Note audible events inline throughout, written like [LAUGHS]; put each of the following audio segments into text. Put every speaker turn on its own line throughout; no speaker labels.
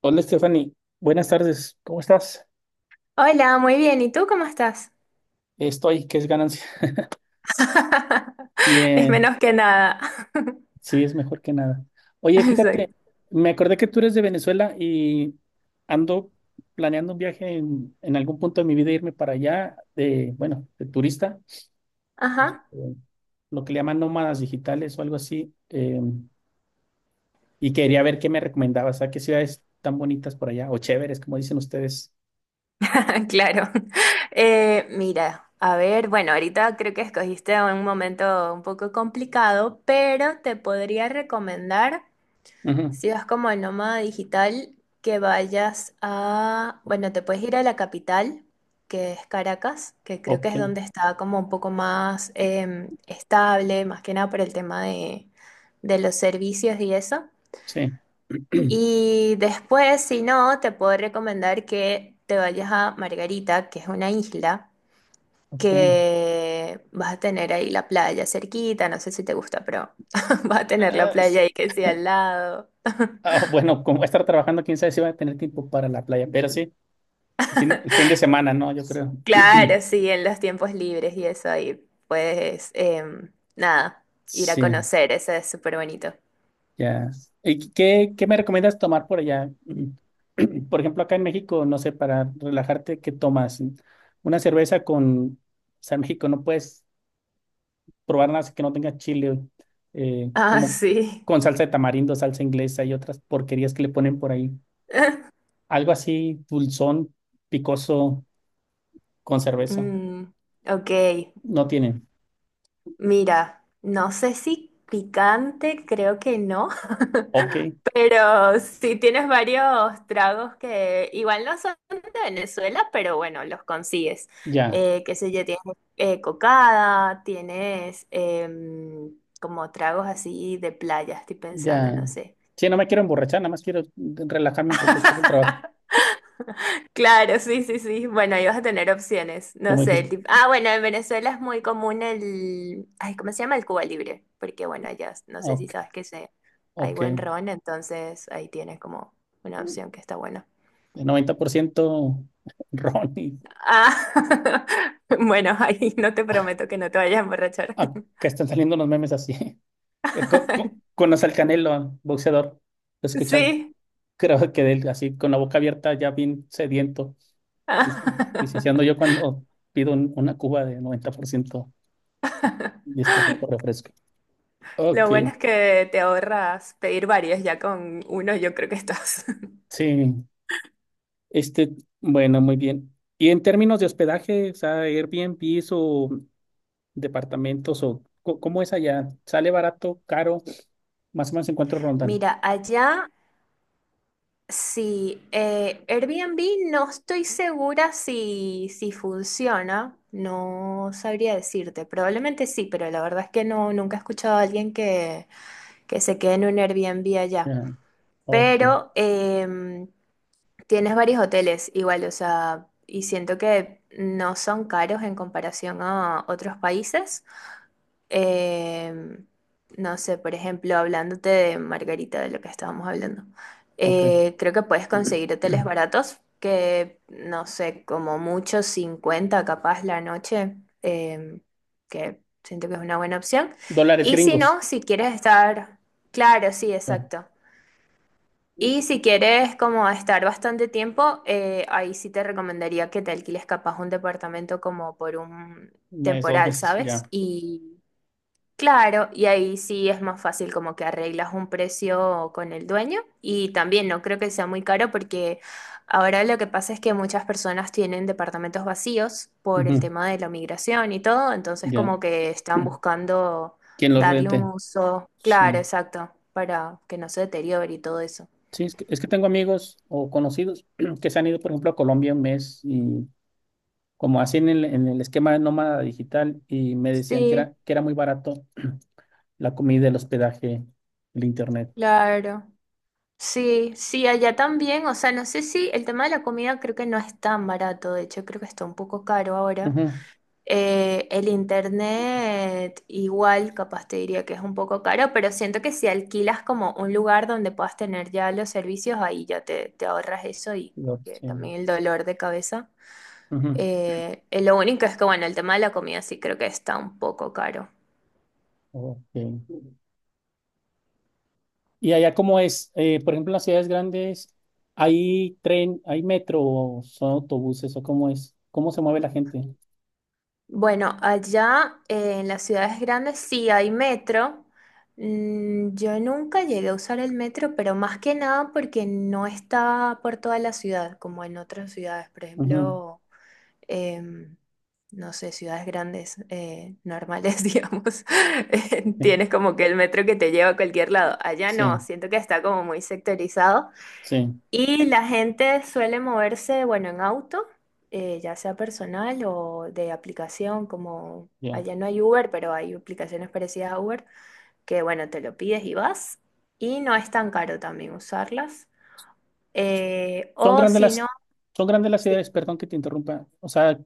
Hola, Stephanie. Buenas tardes. ¿Cómo estás?
Hola, muy bien. ¿Y tú cómo estás?
Estoy, que es ganancia.
[LAUGHS]
[LAUGHS]
Es
Bien,
menos que nada. [LAUGHS]
sí, es mejor que nada. Oye, fíjate,
Exacto.
me acordé que tú eres de Venezuela y ando planeando un viaje en algún punto de mi vida, irme para allá, de, bueno, de turista,
Ajá,
este, lo que le llaman nómadas digitales o algo así. Y quería ver qué me recomendabas, a qué ciudades tan bonitas por allá, o chéveres, como dicen ustedes.
[LAUGHS] claro. Mira, a ver, bueno, ahorita creo que escogiste un momento un poco complicado, pero te podría recomendar.
Ujú.
Si vas como el nómada digital, que vayas a, bueno, te puedes ir a la capital, que es Caracas, que creo que
Ok,
es donde está como un poco más estable, más que nada por el tema de los servicios y eso.
sí, [CLEARS THROAT]
Y después, si no, te puedo recomendar que te vayas a Margarita, que es una isla,
ok.
que vas a tener ahí la playa cerquita, no sé si te gusta, pero [LAUGHS] vas a tener la
Ah.
playa ahí que sea al lado.
Ah, bueno, como voy a estar trabajando, quién sabe si voy a tener tiempo para la playa, pero sí, el fin de semana, ¿no? Yo creo.
Claro, sí, en los tiempos libres y eso, y puedes, nada, ir a
Sí,
conocer, eso es súper bonito.
ya. ¿Y qué me recomiendas tomar por allá? [CLEARS THROAT] Por ejemplo, acá en México, no sé, para relajarte, ¿qué tomas? Una cerveza con, o sea, en México no puedes probar nada si que no tenga chile,
Ah,
como
sí.
con salsa de tamarindo, salsa inglesa y otras porquerías que le ponen por ahí.
[LAUGHS]
Algo así, dulzón, picoso, con cerveza.
Mm, ok,
No tienen.
mira, no sé si picante, creo que no, [LAUGHS]
Ok,
pero sí tienes varios tragos que igual no son de Venezuela, pero bueno, los consigues.
ya.
Qué sé yo, tienes cocada, tienes como tragos así de playa, estoy pensando,
Ya.
no sé.
Sí, no me quiero emborrachar, nada más quiero relajarme un poco después del trabajo,
[LAUGHS] Claro, sí, sí, sí. Bueno, ahí vas a tener opciones. No
como
sé,
dijiste.
el tipo. Ah, bueno, en Venezuela es muy común el... Ay, ¿cómo se llama? El Cuba Libre. Porque, bueno, allá no sé si
Ok,
sabes que se... hay
ok.
buen ron, entonces ahí tienes como una opción que está buena.
El 90% [LAUGHS] ron y
Ah, [LAUGHS] bueno, ahí no te prometo que no te vayas a emborrachar.
acá están saliendo unos memes así. [LAUGHS]
[LAUGHS]
Conoce al Canelo, boxeador, lo he escuchado.
Sí.
Creo que de él, así con la boca abierta, ya bien sediento. Y, y si así ando yo
[LAUGHS]
cuando pido una cuba de noventa por ciento, diez por ciento refresco.
Lo
Ok,
bueno es que te ahorras pedir varios, ya con uno yo creo que estás.
sí. Este, bueno, muy bien. Y en términos de hospedaje, o sea, Airbnb o departamentos o cómo es allá, ¿sale barato, caro? Más o menos en cuánto
[LAUGHS]
rondan.
Mira, allá sí, Airbnb no estoy segura si funciona, no sabría decirte, probablemente sí, pero la verdad es que no, nunca he escuchado a alguien que se quede en un Airbnb allá.
Ya. Ok,
Pero tienes varios hoteles igual, o sea, y siento que no son caros en comparación a otros países. Em, no sé, por ejemplo, hablándote de Margarita, de lo que estábamos hablando,
ok.
creo que puedes
[CLEARS THROAT]
conseguir hoteles baratos, que no sé, como mucho 50 capaz la noche, em, que siento que es una buena opción.
Dólares
Y si
gringos.
no, si quieres estar, claro, sí,
Ya.
exacto. Y si quieres como estar bastante tiempo, ahí sí te recomendaría que te alquiles capaz un departamento como por un
Un mes, dos
temporal,
meses,
¿sabes?
ya.
Y claro, y ahí sí es más fácil como que arreglas un precio con el dueño y también no creo que sea muy caro porque ahora lo que pasa es que muchas personas tienen departamentos vacíos por el
Ujú.
tema de la migración y todo, entonces
Ya.
como que están
[CLEARS THROAT]
buscando
¿Quién los
darle un
rente?
uso, claro,
Sí.
exacto, para que no se deteriore y todo eso.
Sí, es que tengo amigos o conocidos [CLEARS THROAT] que se han ido, por ejemplo, a Colombia un mes y como hacen en el esquema de nómada digital y me decían
Sí,
que era muy barato. [CLEARS THROAT] La comida, el hospedaje, el internet.
claro. Sí, sí, allá también, o sea, no sé si el tema de la comida, creo que no es tan barato, de hecho creo que está un poco caro ahora.
Ujú,
El internet igual, capaz te diría que es un poco caro, pero siento que si alquilas como un lugar donde puedas tener ya los servicios, ahí ya te ahorras eso y que
sí,
también el dolor de cabeza.
ujú,
Lo único es que, bueno, el tema de la comida sí creo que está un poco caro.
ok. Y allá cómo es. Por ejemplo, en las ciudades grandes, ¿hay tren, hay metro o son autobuses o cómo es? ¿Cómo se mueve la gente?
Bueno, allá en las ciudades grandes sí hay metro. Mm, yo nunca llegué a usar el metro, pero más que nada porque no está por toda la ciudad, como en otras ciudades, por
Ujú.
ejemplo. em, no sé, ciudades grandes, normales, [LAUGHS] digamos,
Sí,
tienes como que el metro que te lleva a cualquier lado. Allá no,
sí,
siento que está como muy sectorizado.
sí,
Y la gente suele moverse, bueno, en auto, ya sea personal o de aplicación, como
ya.
allá no hay Uber, pero hay aplicaciones parecidas a Uber, que bueno, te lo pides y vas. Y no es tan caro también usarlas.
Son
O
grandes
si no...
las, son grandes las
Sí,
ciudades, perdón que te interrumpa. O sea,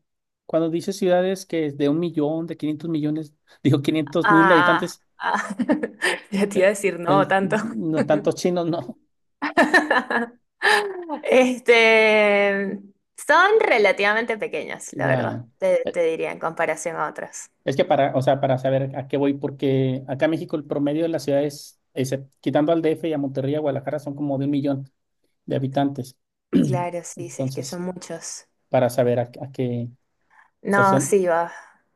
cuando dices ciudades que es de un millón, de 500 millones, [LAUGHS] digo 500 mil
ah,
habitantes,
ah, [LAUGHS] ya te iba
eh,
a decir no tanto.
no tantos chinos, no.
[LAUGHS] Este, son relativamente pequeños, la verdad,
Ya.
te diría en comparación a otros.
Es que para, o sea, para saber a qué voy, porque acá en México el promedio de las ciudades, quitando al DF y a Monterrey y a Guadalajara, son como de un millón de habitantes.
Claro,
[CLEARS THROAT]
sí, sí, es que son
Entonces,
muchos.
para saber a qué, o sea, si
No,
son,
sí, va.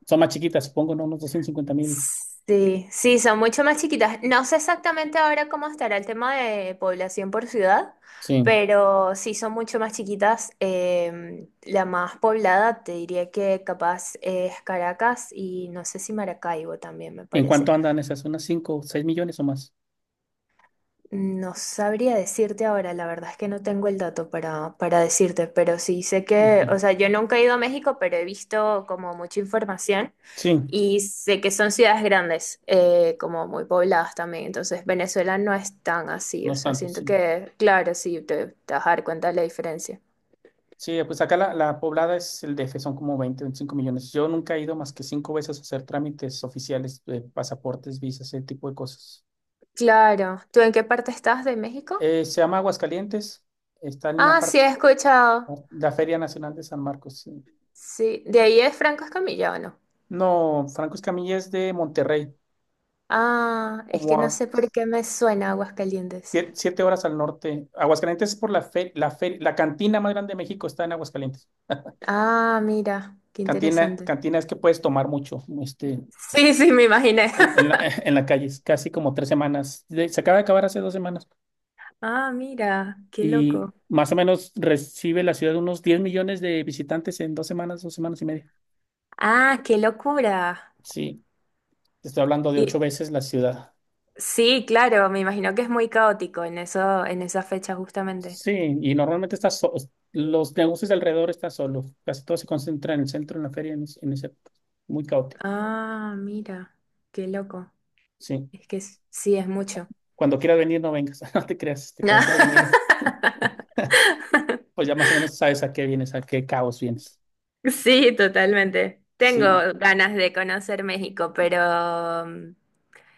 son más chiquitas, supongo, ¿no? Unos 250 mil.
Sí, sí, son mucho más chiquitas. No sé exactamente ahora cómo estará el tema de población por ciudad,
Sí.
pero sí son mucho más chiquitas. La más poblada te diría que capaz es Caracas y no sé si Maracaibo también me
¿En cuánto
parece.
andan esas? ¿Unas 5, 6 millones o más?
No sabría decirte ahora, la verdad es que no tengo el dato para decirte, pero sí sé
Ok.
que, o sea, yo nunca he ido a México, pero he visto como mucha información
Sí,
y sé que son ciudades grandes, como muy pobladas también, entonces Venezuela no es tan así,
no
o
es
sea,
tanto,
siento
sí.
que, claro, sí, te vas a dar cuenta de la diferencia.
Sí, pues acá la poblada es el DF, son como 20, 25 millones. Yo nunca he ido más que cinco veces a hacer trámites oficiales de pasaportes, visas, ese tipo de cosas.
Claro, ¿tú en qué parte estás de México?
Se llama Aguascalientes, está en una
Ah,
parte,
sí, he escuchado.
la Feria Nacional de San Marcos. Sí.
Sí, ¿de ahí es Franco Escamilla o no?
No, Franco Escamilla es de Monterrey,
Ah, es
como
que
a
no sé por qué me suena Aguascalientes.
siete horas al norte. Aguascalientes es por la cantina más grande de México está en Aguascalientes.
Ah, mira, qué
Cantina,
interesante.
cantina es que puedes tomar mucho, este,
Sí, sí, me imaginé.
en, en la, [LAUGHS]
[LAUGHS]
en la calle, es casi como tres semanas. Se acaba de acabar hace dos semanas
Ah, mira, qué
y
loco.
más o menos recibe la ciudad unos 10 millones de visitantes en dos semanas y media.
Ah, qué locura.
Sí, te estoy hablando de
Y,
ocho veces la ciudad.
sí, claro, me imagino que es muy caótico en eso, en esa fecha justamente.
Sí, y normalmente los negocios de alrededor están solos. Casi todo se concentra en el centro, en la feria, en ese, muy caótico.
Ah, mira, qué loco.
Sí.
Es que sí, es mucho.
Cuando quieras venir, no vengas. [LAUGHS] No te creas. Este, cuando quieras venir,
[LAUGHS]
pues ya más o menos sabes a qué vienes, a qué caos vienes.
Sí, totalmente. Tengo
Sí.
ganas de conocer México, pero mm,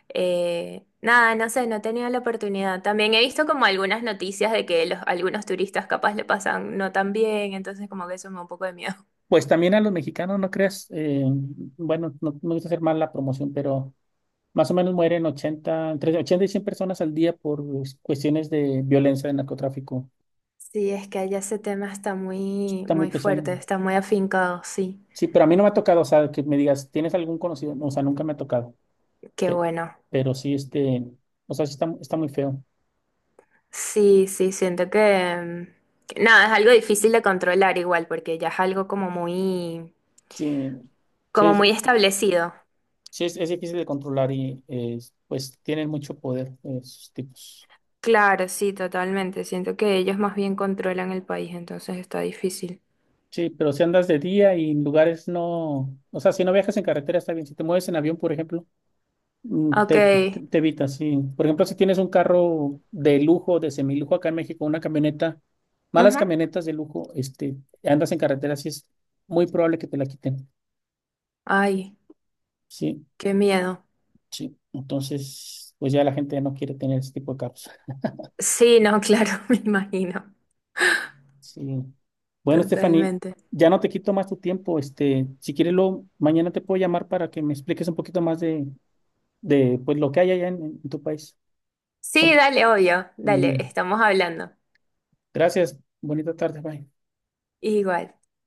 Nada, no sé, no he tenido la oportunidad. También he visto como algunas noticias de que los, algunos turistas capaz le pasan no tan bien, entonces como que eso me da un poco de miedo. [LAUGHS]
Pues también a los mexicanos, no creas. Bueno, no me gusta hacer mal la promoción, pero más o menos mueren ochenta, entre 80 y 100 personas al día por cuestiones de violencia, de narcotráfico.
Sí, es que allá ese tema está muy,
Está muy
muy
pesado.
fuerte, está muy afincado, sí.
Sí, pero a mí no me ha tocado, o sea, que me digas, ¿tienes algún conocido? No, o sea, nunca me ha tocado.
Qué
Pe-
bueno.
Pero sí, este, o sea, sí está, está muy feo.
Sí, sí, siento que, mm, que nada, es algo difícil de controlar igual, porque ya es algo
Sí, sí,
como muy establecido.
sí es difícil de controlar y pues tienen mucho poder, esos tipos.
Claro, sí, totalmente. Siento que ellos más bien controlan el país, entonces está difícil.
Sí, pero si andas de día y en lugares no, o sea, si no viajas en carretera está bien. Si te mueves en avión, por ejemplo, mm,
Ok.
te, te evitas, sí. Por ejemplo, si tienes un carro de lujo, de semilujo acá en México, una camioneta, malas
Ujú.
camionetas de lujo, este, andas en carretera, sí es muy probable que te la quiten.
Ay,
Sí.
qué miedo.
Sí, entonces, pues ya la gente no quiere tener ese tipo de carros.
Sí, no, claro, [LAUGHS] me imagino.
Sí. Bueno, Stephanie,
Totalmente.
ya no te quito más tu tiempo. Este, si quieres, lo, mañana te puedo llamar para que me expliques un poquito más de pues, lo que hay allá en tu país
Sí,
con
dale, obvio. Dale,
comida.
estamos hablando.
Gracias. Bonita tarde. Bye.
Igual.